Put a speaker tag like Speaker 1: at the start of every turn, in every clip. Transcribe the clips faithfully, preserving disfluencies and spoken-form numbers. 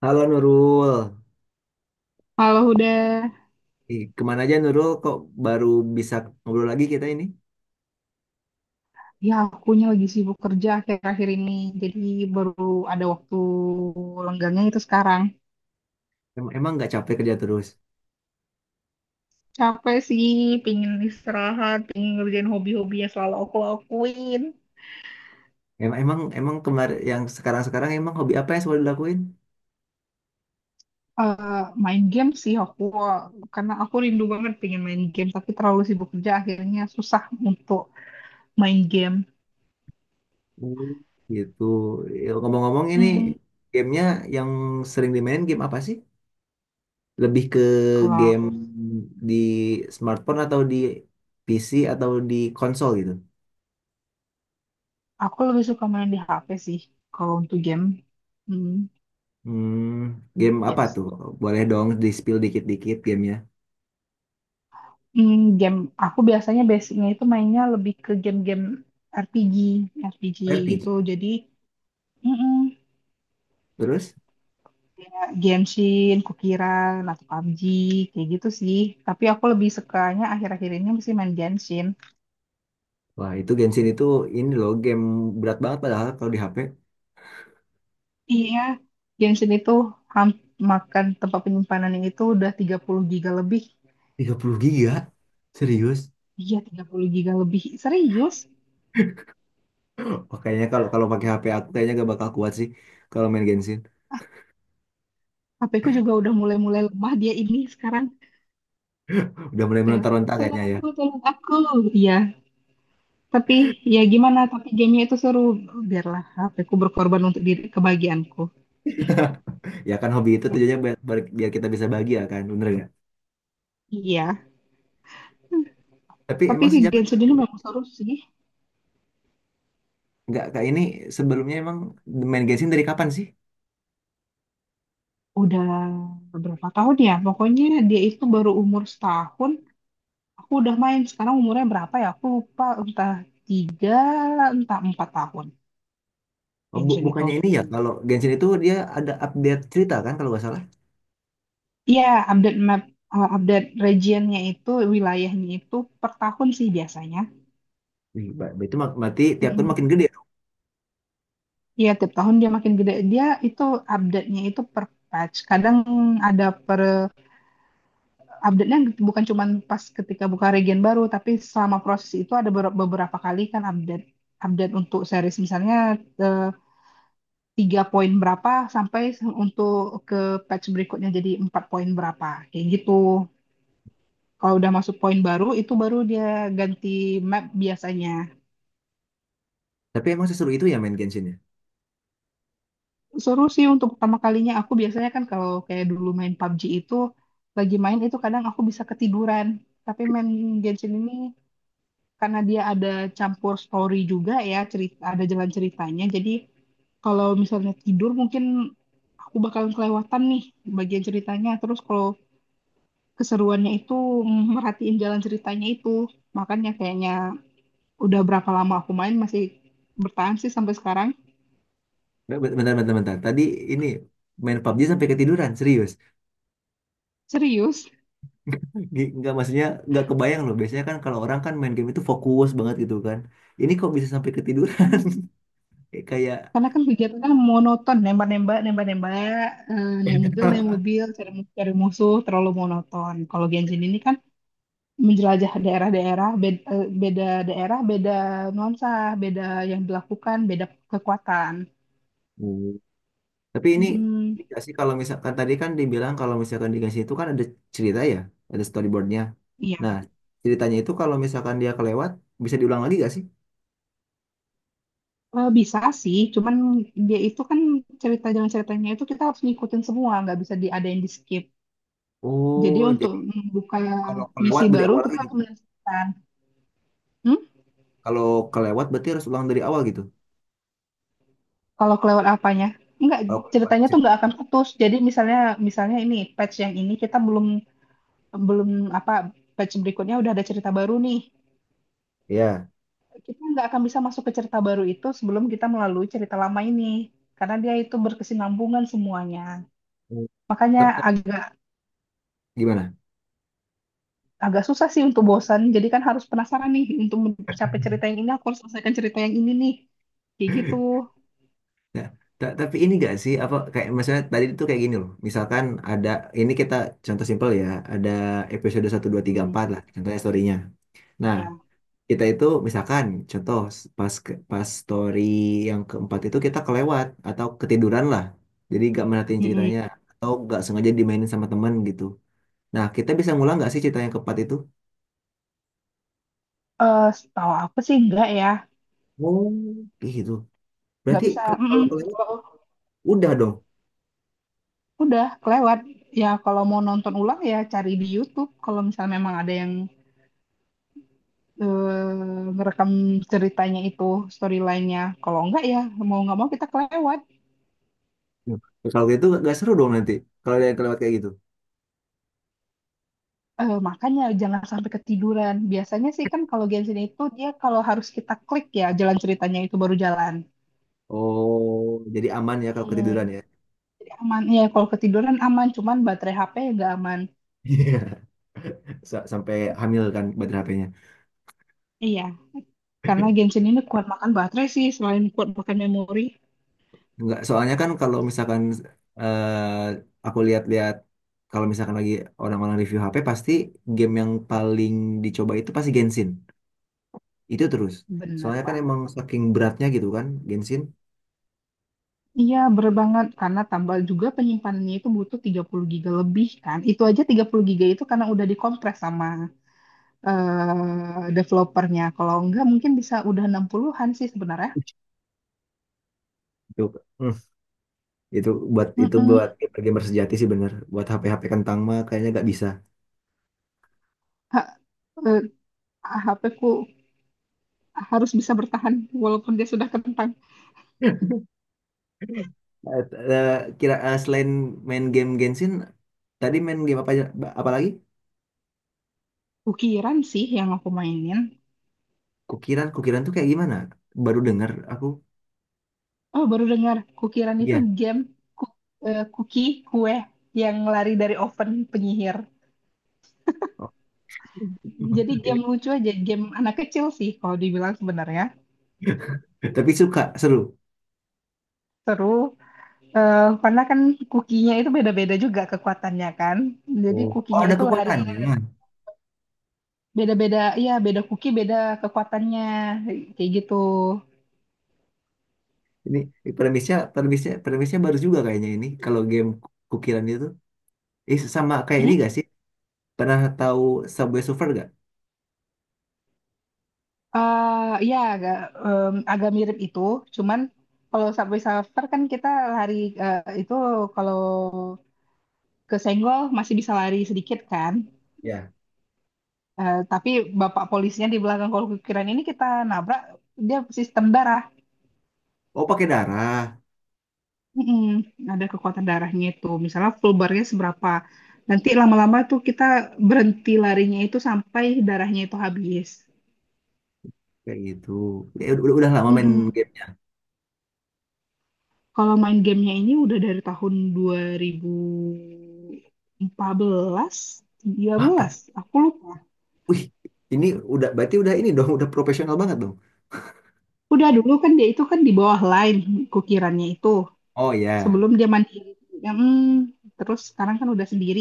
Speaker 1: Halo Nurul.
Speaker 2: Halo udah,
Speaker 1: Ih, kemana aja, Nurul? Kok baru bisa ngobrol lagi kita ini?
Speaker 2: ya akunya lagi sibuk kerja akhir-akhir ini, jadi baru ada waktu lenggangnya itu sekarang.
Speaker 1: Em- Emang nggak capek kerja terus?
Speaker 2: Capek sih, pingin istirahat, pingin ngerjain hobi-hobi yang selalu aku lakuin.
Speaker 1: Emang emang emang kemarin yang sekarang-sekarang emang hobi apa yang selalu dilakuin?
Speaker 2: Eh, main game sih aku, karena aku rindu banget pingin main game, tapi terlalu sibuk kerja akhirnya susah untuk main game.
Speaker 1: Hmm. Gitu. Ya, ngomong-ngomong ini
Speaker 2: Mm.
Speaker 1: gamenya yang sering dimainin game apa sih? Lebih ke
Speaker 2: Kalau
Speaker 1: game
Speaker 2: aku,
Speaker 1: di smartphone atau di P C atau di konsol gitu?
Speaker 2: aku lebih suka main di H P sih, kalau untuk game. Mm.
Speaker 1: Hmm, game apa
Speaker 2: Yes.
Speaker 1: tuh? Boleh dong di-spill dikit-dikit gamenya.
Speaker 2: Hmm, game aku biasanya basicnya itu mainnya lebih ke game-game R P G, R P G gitu.
Speaker 1: R P G.
Speaker 2: Jadi, mm
Speaker 1: Terus?
Speaker 2: kayak Genshin, Kukiran, atau pabji, kayak gitu sih. Tapi aku lebih sukanya akhir-akhir ini mesti main Genshin.
Speaker 1: Wah, itu Genshin itu ini loh game berat banget padahal kalau di H P
Speaker 2: Iya, Genshin itu ham- makan tempat penyimpanannya itu udah tiga puluh giga lebih.
Speaker 1: tiga puluh giga. Serius.
Speaker 2: Iya, tiga puluh giga lebih. Serius?
Speaker 1: Makanya kalau kalau pakai H P aku kayaknya gak bakal kuat sih kalau main Genshin.
Speaker 2: H P ku juga udah mulai-mulai lemah dia ini sekarang.
Speaker 1: Udah mulai
Speaker 2: Kayak,
Speaker 1: meronta-ronta kayaknya
Speaker 2: tolong
Speaker 1: ya.
Speaker 2: aku, tolong aku. Iya. Tapi ya gimana, tapi gamenya itu seru. Biarlah HPku berkorban untuk diri kebahagiaanku.
Speaker 1: Ya kan hobi itu tujuannya biar, biar- kita bisa bahagia kan, bener nggak?
Speaker 2: Iya,
Speaker 1: Tapi
Speaker 2: tapi
Speaker 1: emang
Speaker 2: si
Speaker 1: sejak
Speaker 2: Genshin ini memang seru sih.
Speaker 1: nggak kak ini sebelumnya emang main Genshin dari kapan sih?
Speaker 2: Udah berapa tahun ya? Pokoknya dia itu baru umur setahun. Aku udah main. Sekarang umurnya berapa ya? Aku lupa. Entah tiga, entah empat tahun.
Speaker 1: Oh, bu-
Speaker 2: Genshin
Speaker 1: bukannya
Speaker 2: itu.
Speaker 1: ini ya kalau Genshin itu dia ada update cerita kan kalau nggak salah?
Speaker 2: Iya, update map, uh, update regionnya itu, wilayahnya itu per tahun sih biasanya.
Speaker 1: Wih, ba- itu mak- berarti tiap
Speaker 2: Hmm.
Speaker 1: tahun makin gede.
Speaker 2: Iya, tiap tahun dia makin gede. Dia itu update-nya itu per patch. Kadang ada per update-nya bukan cuma pas ketika buka region baru, tapi selama proses itu ada ber- beberapa kali kan update update untuk series misalnya eh, tiga poin berapa sampai se- untuk ke patch berikutnya jadi empat poin berapa. Kayak gitu. Kalau udah masuk poin baru itu baru dia ganti map biasanya.
Speaker 1: Tapi emang seseru itu ya main Genshin ya?
Speaker 2: Seru sih untuk pertama kalinya. Aku biasanya kan kalau kayak dulu main P U B G itu, lagi main itu kadang aku bisa ketiduran. Tapi main Genshin ini karena dia ada campur story juga ya, cerita, ada jalan ceritanya. Jadi kalau misalnya tidur mungkin aku bakalan kelewatan nih bagian ceritanya. Terus kalau keseruannya itu mm, merhatiin jalan ceritanya itu. Makanya kayaknya udah berapa lama aku main masih bertahan sih sampai sekarang.
Speaker 1: Nggak, bentar, bentar, bentar. Tadi ini main P U B G sampai ketiduran, serius.
Speaker 2: Serius.
Speaker 1: Gi- Nggak maksudnya nggak kebayang loh. Biasanya kan kalau orang kan main game itu fokus banget gitu kan. Ini kok bisa sampai ketiduran? Kayak, kayak.
Speaker 2: Karena kan kegiatannya monoton, nembak-nembak, nembak-nembak, eh, naik mobil, naik mobil, cari, mu- cari musuh, terlalu monoton. Kalau Genshin ini kan menjelajah daerah-daerah, beda, beda daerah, beda nuansa, beda yang dilakukan, beda kekuatan.
Speaker 1: Hmm. Tapi ini
Speaker 2: Mm-mm.
Speaker 1: dikasih kalau misalkan tadi kan dibilang kalau misalkan dikasih itu kan ada cerita ya, ada storyboardnya. Nah,
Speaker 2: Iya,
Speaker 1: ceritanya itu kalau misalkan dia kelewat bisa diulang lagi gak sih?
Speaker 2: Eh, bisa sih, cuman dia itu kan cerita jalan ceritanya itu kita harus ngikutin semua, nggak bisa diadain di skip. Jadi
Speaker 1: Oh,
Speaker 2: untuk
Speaker 1: jadi
Speaker 2: membuka
Speaker 1: kalau kelewat
Speaker 2: misi
Speaker 1: dari
Speaker 2: baru
Speaker 1: awal
Speaker 2: kita
Speaker 1: lagi
Speaker 2: harus
Speaker 1: gitu.
Speaker 2: menyelesaikan.
Speaker 1: Kalau kelewat berarti harus ulang dari awal gitu.
Speaker 2: Kalau kelewat apanya? Enggak,
Speaker 1: Kalau kelewat
Speaker 2: ceritanya tuh nggak
Speaker 1: ceritanya.
Speaker 2: akan putus. Jadi misalnya misalnya ini patch yang ini kita belum belum apa patch berikutnya udah ada cerita baru nih.
Speaker 1: Iya.
Speaker 2: Kita nggak akan bisa masuk ke cerita baru itu sebelum kita melalui cerita lama ini. Karena dia itu berkesinambungan semuanya.
Speaker 1: Hmm.
Speaker 2: Makanya
Speaker 1: Tapi
Speaker 2: agak
Speaker 1: gimana?
Speaker 2: agak susah sih untuk bosan. Jadi kan harus penasaran nih untuk mencapai cerita yang ini aku harus selesaikan cerita yang ini nih. Kayak gitu.
Speaker 1: Nah, ta- tapi ini gak sih apa kayak maksudnya tadi itu kayak gini loh. Misalkan ada ini kita contoh simpel ya, ada episode satu dua tiga
Speaker 2: Hmm.
Speaker 1: empat lah contohnya storynya. Nah,
Speaker 2: Ya.
Speaker 1: kita itu misalkan contoh s- pas ke- pas story yang keempat itu kita kelewat atau ketiduran lah. Jadi gak merhatiin
Speaker 2: Mm-mm.
Speaker 1: ceritanya atau gak sengaja dimainin sama temen gitu. Nah, kita bisa ngulang gak sih cerita yang keempat itu?
Speaker 2: Eh, setahu aku sih enggak ya.
Speaker 1: Oh, gitu.
Speaker 2: Nggak
Speaker 1: Berarti
Speaker 2: bisa.
Speaker 1: kalau
Speaker 2: Mm-mm.
Speaker 1: kalau kelewat udah dong.
Speaker 2: Udah kelewat. Ya kalau mau nonton ulang ya cari di YouTube. Kalau misalnya memang ada yang eh, ngerekam ceritanya itu storyline-nya. Kalau enggak ya mau nggak mau kita kelewat.
Speaker 1: Nah, kalau gitu gak seru dong nanti. Kalau ada yang kelewat kayak gitu.
Speaker 2: Eh, makanya jangan sampai ketiduran. Biasanya sih kan kalau Genshin itu dia kalau harus kita klik ya jalan ceritanya itu baru jalan.
Speaker 1: Oh, jadi aman ya kalau
Speaker 2: Hmm,
Speaker 1: ketiduran ya.
Speaker 2: jadi aman. Ya kalau ketiduran aman, cuman baterai H P nggak aman.
Speaker 1: Iya. Sa- Sampai hamil kan baterai H P-nya.
Speaker 2: Iya, karena Genshin ini kuat makan baterai sih selain kuat makan memori.
Speaker 1: Enggak, soalnya kan kalau misalkan eh, aku lihat-lihat kalau misalkan lagi orang-orang review H P pasti game yang paling dicoba itu pasti Genshin. Itu terus.
Speaker 2: Bener,
Speaker 1: Soalnya kan
Speaker 2: Pak.
Speaker 1: emang saking beratnya gitu kan Genshin.
Speaker 2: Iya, bener banget. Karena tambal juga penyimpanannya itu butuh tiga puluh giga lebih kan. Itu aja tiga puluh giga itu karena udah dikompres sama eh, developernya. Kalau enggak mungkin bisa udah enam puluhan-an sih sebenarnya.
Speaker 1: Itu hmm, itu buat itu
Speaker 2: Mm-mm.
Speaker 1: buat gamer sejati sih bener. Buat H P-H P kentang mah kayaknya nggak bisa.
Speaker 2: Ha- eh, H P ku harus bisa bertahan walaupun dia sudah kentang.
Speaker 1: Eh, eh, kira eh, selain main game Genshin. Tadi main game apa aja? Ba- Apa lagi?
Speaker 2: Kukiran sih yang aku mainin.
Speaker 1: Kukiran, kukiran tuh kayak gimana? Baru dengar aku.
Speaker 2: Oh, baru dengar. Kukiran itu
Speaker 1: Iya.
Speaker 2: game ku- eh, cookie kue yang lari dari oven penyihir.
Speaker 1: Oh,
Speaker 2: Jadi
Speaker 1: ini.
Speaker 2: game lucu aja, game anak kecil sih kalau dibilang sebenarnya.
Speaker 1: Tapi suka, seru.
Speaker 2: Seru. Eh, karena kan kukinya itu beda-beda juga kekuatannya kan. Jadi
Speaker 1: Oh. Oh,
Speaker 2: kukinya
Speaker 1: ada
Speaker 2: itu lari
Speaker 1: kekuatannya,
Speaker 2: lari.
Speaker 1: ya.
Speaker 2: Beda-beda, iya beda kuki beda kekuatannya kayak gitu.
Speaker 1: Ini, ini premisnya, premisnya, premisnya baru juga kayaknya ini. Kalau game kukiran itu, eh, sama kayak ini
Speaker 2: Hmm?
Speaker 1: gak sih? Pernah tahu Subway Surfer gak?
Speaker 2: Eh, ya agak em, agak mirip itu, cuman kalau subway surfer kan kita lari eh, itu kalau kesenggol masih bisa lari sedikit kan.
Speaker 1: Ya.
Speaker 2: Eh, tapi bapak polisnya di belakang kalau kukiran ini kita nabrak dia sistem darat.
Speaker 1: Oh, pakai darah
Speaker 2: Mm-mm, ada kekuatan darahnya itu. Misalnya full bar-nya seberapa. Nanti lama-lama tuh kita berhenti larinya itu sampai darahnya itu habis.
Speaker 1: kayak gitu. Ya, udah, udah lama main
Speaker 2: Mm-mm.
Speaker 1: gamenya.
Speaker 2: Kalau main gamenya ini udah dari tahun dua ribu empat belas, tiga
Speaker 1: Wah,
Speaker 2: belas,
Speaker 1: apa?
Speaker 2: aku lupa.
Speaker 1: Wih, ini udah berarti udah ini dong, udah profesional banget dong.
Speaker 2: Udah dulu kan dia itu kan di bawah line kukirannya itu.
Speaker 1: Oh ya,
Speaker 2: Sebelum dia mandiri. Mm, terus sekarang kan udah sendiri.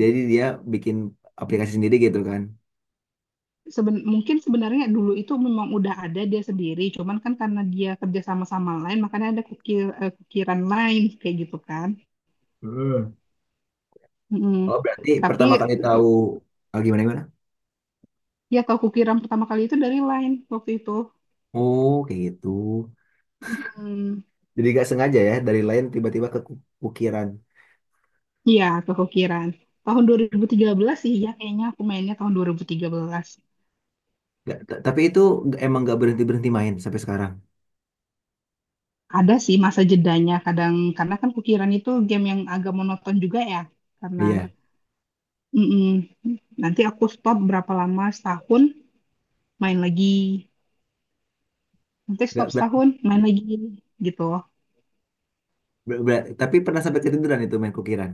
Speaker 1: jadi dia bikin aplikasi sendiri gitu kan.
Speaker 2: Seben mungkin sebenarnya dulu itu memang udah ada dia sendiri, cuman kan karena dia kerja sama sama lain, makanya ada kukir, eh, kukiran lain kayak gitu kan.
Speaker 1: Hmm.
Speaker 2: Mm-mm.
Speaker 1: Oh, berarti
Speaker 2: Tapi
Speaker 1: pertama kali tahu ah, gimana gimana?
Speaker 2: ya tahu kukiran pertama kali itu dari lain waktu itu.
Speaker 1: Oh, kayak gitu.
Speaker 2: Mm-mm.
Speaker 1: Jadi gak sengaja ya dari lain tiba-tiba ke ukiran.
Speaker 2: Iya, tahu kukiran. Tahun dua ribu tiga belas sih ya kayaknya aku mainnya tahun dua ribu tiga belas.
Speaker 1: Nggak- t- tapi itu nggak- emang gak berhenti berhenti main sampai sekarang.
Speaker 2: Ada sih masa jedanya kadang karena kan kukiran itu game yang agak monoton juga ya. Karena.
Speaker 1: Iya.
Speaker 2: Mm-mm. Nanti aku stop berapa lama setahun main lagi. Nanti stop
Speaker 1: Gak ber-
Speaker 2: setahun main lagi gitu
Speaker 1: ber- ber- tapi pernah sampai ketiduran itu main kukiran.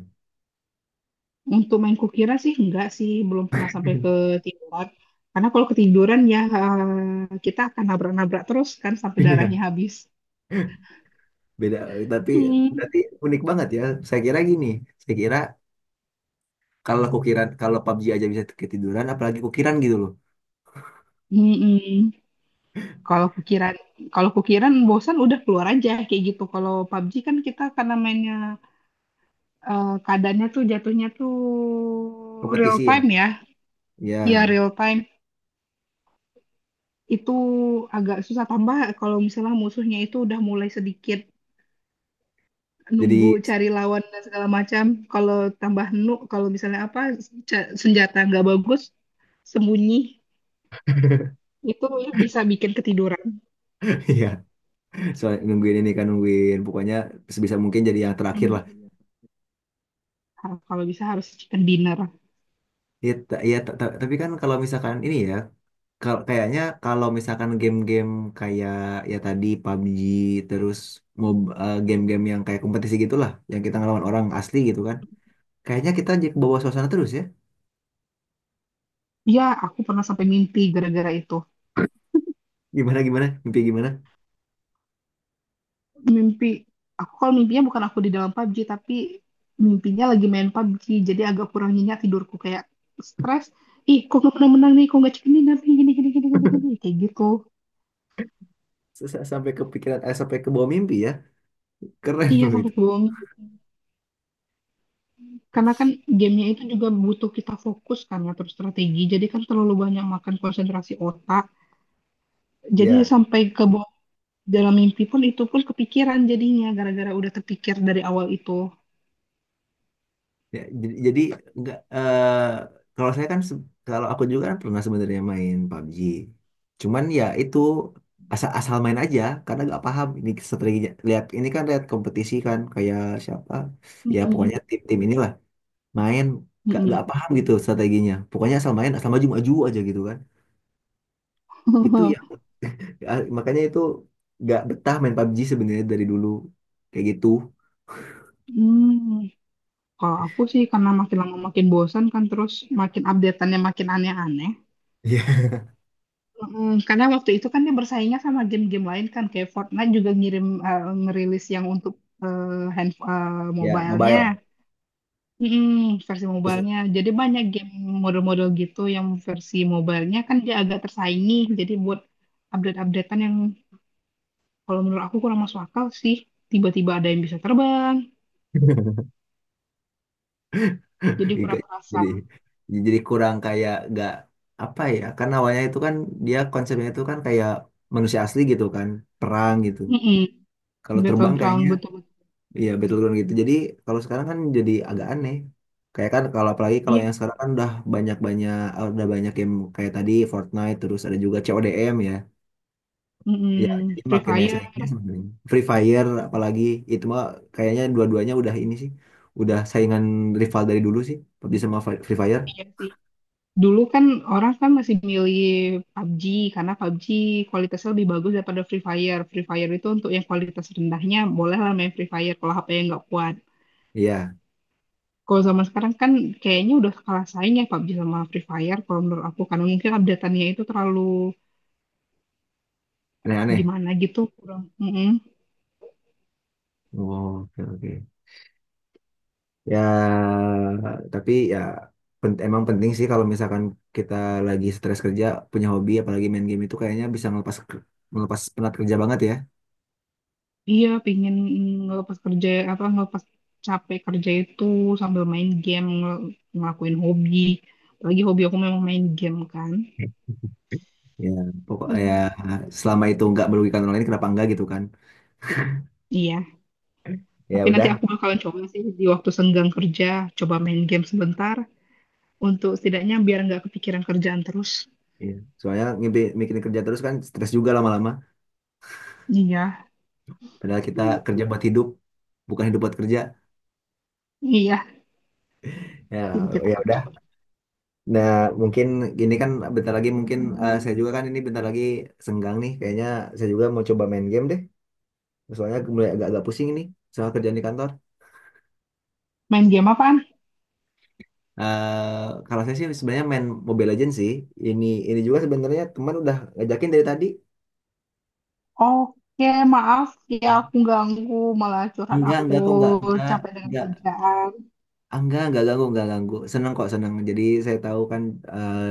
Speaker 2: untuk main kukira sih enggak sih belum pernah sampai ketiduran karena kalau ketiduran ya eh, kita akan nabrak-nabrak terus kan sampai darahnya
Speaker 1: Iya.
Speaker 2: habis.
Speaker 1: Beda. Tapi
Speaker 2: hmm.
Speaker 1: berarti unik banget ya. Saya kira gini. Saya kira kalau kukiran kalau P U B G aja bisa ketiduran, apalagi kukiran gitu loh.
Speaker 2: Mm-mm. kalau kukiran kalau kukiran bosan udah keluar aja kayak gitu kalau P U B G kan kita karena mainnya eh, keadaannya tuh jatuhnya tuh real
Speaker 1: Kompetisi ya.
Speaker 2: time ya ya
Speaker 1: Ya.
Speaker 2: real time itu agak susah tambah kalau misalnya musuhnya itu udah mulai sedikit
Speaker 1: Jadi.
Speaker 2: nunggu cari lawan dan segala macam. Kalau tambah nu, kalau misalnya apa ca- senjata nggak bagus, sembunyi itu ya bisa bikin ketiduran.
Speaker 1: Iya. Soal nungguin ini kan nungguin pokoknya sebisa mungkin jadi yang terakhir
Speaker 2: Hmm.
Speaker 1: lah.
Speaker 2: Ah, kalau bisa harus chicken dinner.
Speaker 1: Ya, ta- ya ta- ta- tapi kan kalau misalkan ini ya kal- kayaknya kalau misalkan game-game kayak ya tadi P U B G terus mob eh, game-game yang kayak kompetisi gitulah yang kita ngelawan orang asli gitu kan kayaknya kita jadi ke bawah suasana terus ya
Speaker 2: Ya, aku pernah sampai mimpi gara-gara itu.
Speaker 1: gimana, gimana mimpi, gimana?
Speaker 2: Mimpi aku kalau mimpinya bukan aku di dalam pabji tapi mimpinya lagi main pabji. Jadi agak kurang nyenyak tidurku kayak stres. Ih, kok gak pernah menang nih? Kok gak chicken dinner nih? Gini, gini, gini, gini, gini. Kayak gitu.
Speaker 1: S- s- sampai kepikiran eh, sampai ke bawah mimpi ya, keren
Speaker 2: Iya,
Speaker 1: loh
Speaker 2: sampai
Speaker 1: itu
Speaker 2: kebohong. Karena kan gamenya itu juga butuh kita fokus kan ya, terus strategi. Jadi kan terlalu banyak makan konsentrasi otak. Jadi
Speaker 1: ya.
Speaker 2: sampai ke bawah dalam mimpi pun itu pun kepikiran jadinya gara-gara udah terpikir dari awal itu.
Speaker 1: Ya, jadi, jadi enggak eh, kalau saya kan se- kalau aku juga kan pernah sebenarnya main pabji. Cuman ya itu asal asal main aja karena nggak paham ini strateginya. Lihat ini kan lihat kompetisi kan kayak siapa ya pokoknya
Speaker 2: Mm-mm.
Speaker 1: tim-tim inilah main nggak
Speaker 2: Mm-mm.
Speaker 1: nggak paham gitu strateginya. Pokoknya asal main asal maju-maju aja gitu kan. Itu ya, ya, makanya itu nggak betah main P U B G sebenarnya dari dulu kayak gitu.
Speaker 2: Hmm. Kalau aku sih karena makin lama makin bosan kan terus makin updateannya makin aneh-aneh.
Speaker 1: Iya.
Speaker 2: Mm, Karena waktu itu kan dia bersaingnya sama game-game lain kan kayak Fortnite juga ngirim eh, ngerilis yang untuk eh, hand eh,
Speaker 1: Ya
Speaker 2: mobilenya.
Speaker 1: mobile.
Speaker 2: Mm-mm, versi
Speaker 1: Terus.
Speaker 2: mobile-nya. Jadi banyak game model-model gitu yang versi mobile-nya kan dia agak tersaingi. Jadi buat update-updatean yang kalau menurut aku kurang masuk akal sih. Tiba-tiba ada yang bisa terbang, jadi kurang
Speaker 1: Nggak-
Speaker 2: terasa.
Speaker 1: jadi jadi kurang kayak nggak apa ya kan awalnya itu kan dia konsepnya itu kan kayak manusia asli gitu kan perang gitu
Speaker 2: Mm-mm,
Speaker 1: kalau terbang kayaknya
Speaker 2: Battleground betul-betul.
Speaker 1: ya battleground gitu jadi kalau sekarang kan jadi agak aneh kayak kan kalau apalagi kalau
Speaker 2: Iya.
Speaker 1: yang sekarang kan udah banyak-banyak udah banyak game kayak tadi Fortnite terus ada juga C O D M ya ya
Speaker 2: Mm-mm,
Speaker 1: jadi
Speaker 2: Free
Speaker 1: makin banyak
Speaker 2: Fire,
Speaker 1: saingnya sebenarnya Free Fire apalagi itu mah kayaknya dua-duanya udah ini sih udah saingan rival dari dulu sih pabji sama Fi- Free Fire
Speaker 2: iya sih. Dulu kan orang kan masih milih P U B G karena P U B G kualitasnya lebih bagus daripada Free Fire. Free Fire itu untuk yang kualitas rendahnya bolehlah main Free Fire kalau H P yang nggak kuat.
Speaker 1: iya
Speaker 2: Kalau zaman sekarang kan kayaknya udah kalah saing ya pabji sama Free Fire kalau menurut aku karena mungkin update-annya itu terlalu
Speaker 1: aneh-aneh.
Speaker 2: gimana gitu kurang. Mm-mm.
Speaker 1: Oh, oke, oke. Ya, tapi ya pen- emang penting sih kalau misalkan kita lagi stres kerja punya hobi apalagi main game itu kayaknya bisa melepas melepas penat kerja banget ya.
Speaker 2: Iya pingin ngelepas kerja apa ngelepas capek kerja itu sambil main game ngel- ngelakuin hobi apalagi hobi aku memang main game kan.
Speaker 1: Ya, pokok ya
Speaker 2: Hmm.
Speaker 1: selama itu nggak merugikan orang lain kenapa enggak gitu kan.
Speaker 2: Iya
Speaker 1: Ya
Speaker 2: tapi nanti
Speaker 1: udah.
Speaker 2: aku bakalan coba sih di waktu senggang kerja coba main game sebentar untuk setidaknya biar nggak kepikiran kerjaan terus.
Speaker 1: Ya. Soalnya ngimpi mikirin kerja terus kan stres juga lama-lama.
Speaker 2: Iya.
Speaker 1: Padahal kita
Speaker 2: Hmm.
Speaker 1: kerja buat hidup, bukan hidup buat kerja.
Speaker 2: Iya
Speaker 1: Ya,
Speaker 2: jadi kita
Speaker 1: ya udah.
Speaker 2: cepat
Speaker 1: Nah, mungkin gini kan bentar lagi mungkin eh, saya juga kan ini bentar lagi senggang nih. Kayaknya saya juga mau coba main game deh. Soalnya mulai agak-agak pusing ini soal kerjaan di kantor.
Speaker 2: main game apaan.
Speaker 1: Eh, kalau saya sih sebenarnya main Mobile Legends sih. Ini ini juga sebenarnya teman udah ngajakin dari tadi.
Speaker 2: Oke, maaf ya aku ganggu, malah curhat
Speaker 1: Enggak,
Speaker 2: aku
Speaker 1: enggak kok, enggak, enggak,
Speaker 2: capek dengan
Speaker 1: enggak.
Speaker 2: kerjaan.
Speaker 1: Enggak, enggak ganggu, enggak ganggu. Seneng kok, seneng. Jadi saya tahu kan eh,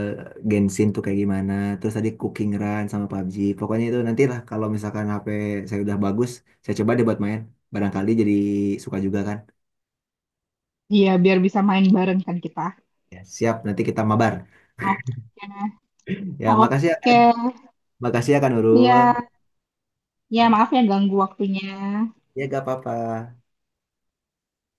Speaker 1: Genshin tuh kayak gimana. Terus tadi Cooking Run sama pabji. Pokoknya itu nantilah kalau misalkan H P saya udah bagus, saya coba deh buat main. Barangkali jadi suka juga kan.
Speaker 2: Iya, biar bisa main bareng kan kita.
Speaker 1: Ya, siap, nanti kita mabar.
Speaker 2: Oke,
Speaker 1: Ya, makasih ya, Kak.
Speaker 2: oke,
Speaker 1: Makasih ya Kak Nurul.
Speaker 2: iya, ya
Speaker 1: Oh,
Speaker 2: maaf ya ganggu waktunya.
Speaker 1: ya, gak apa-apa.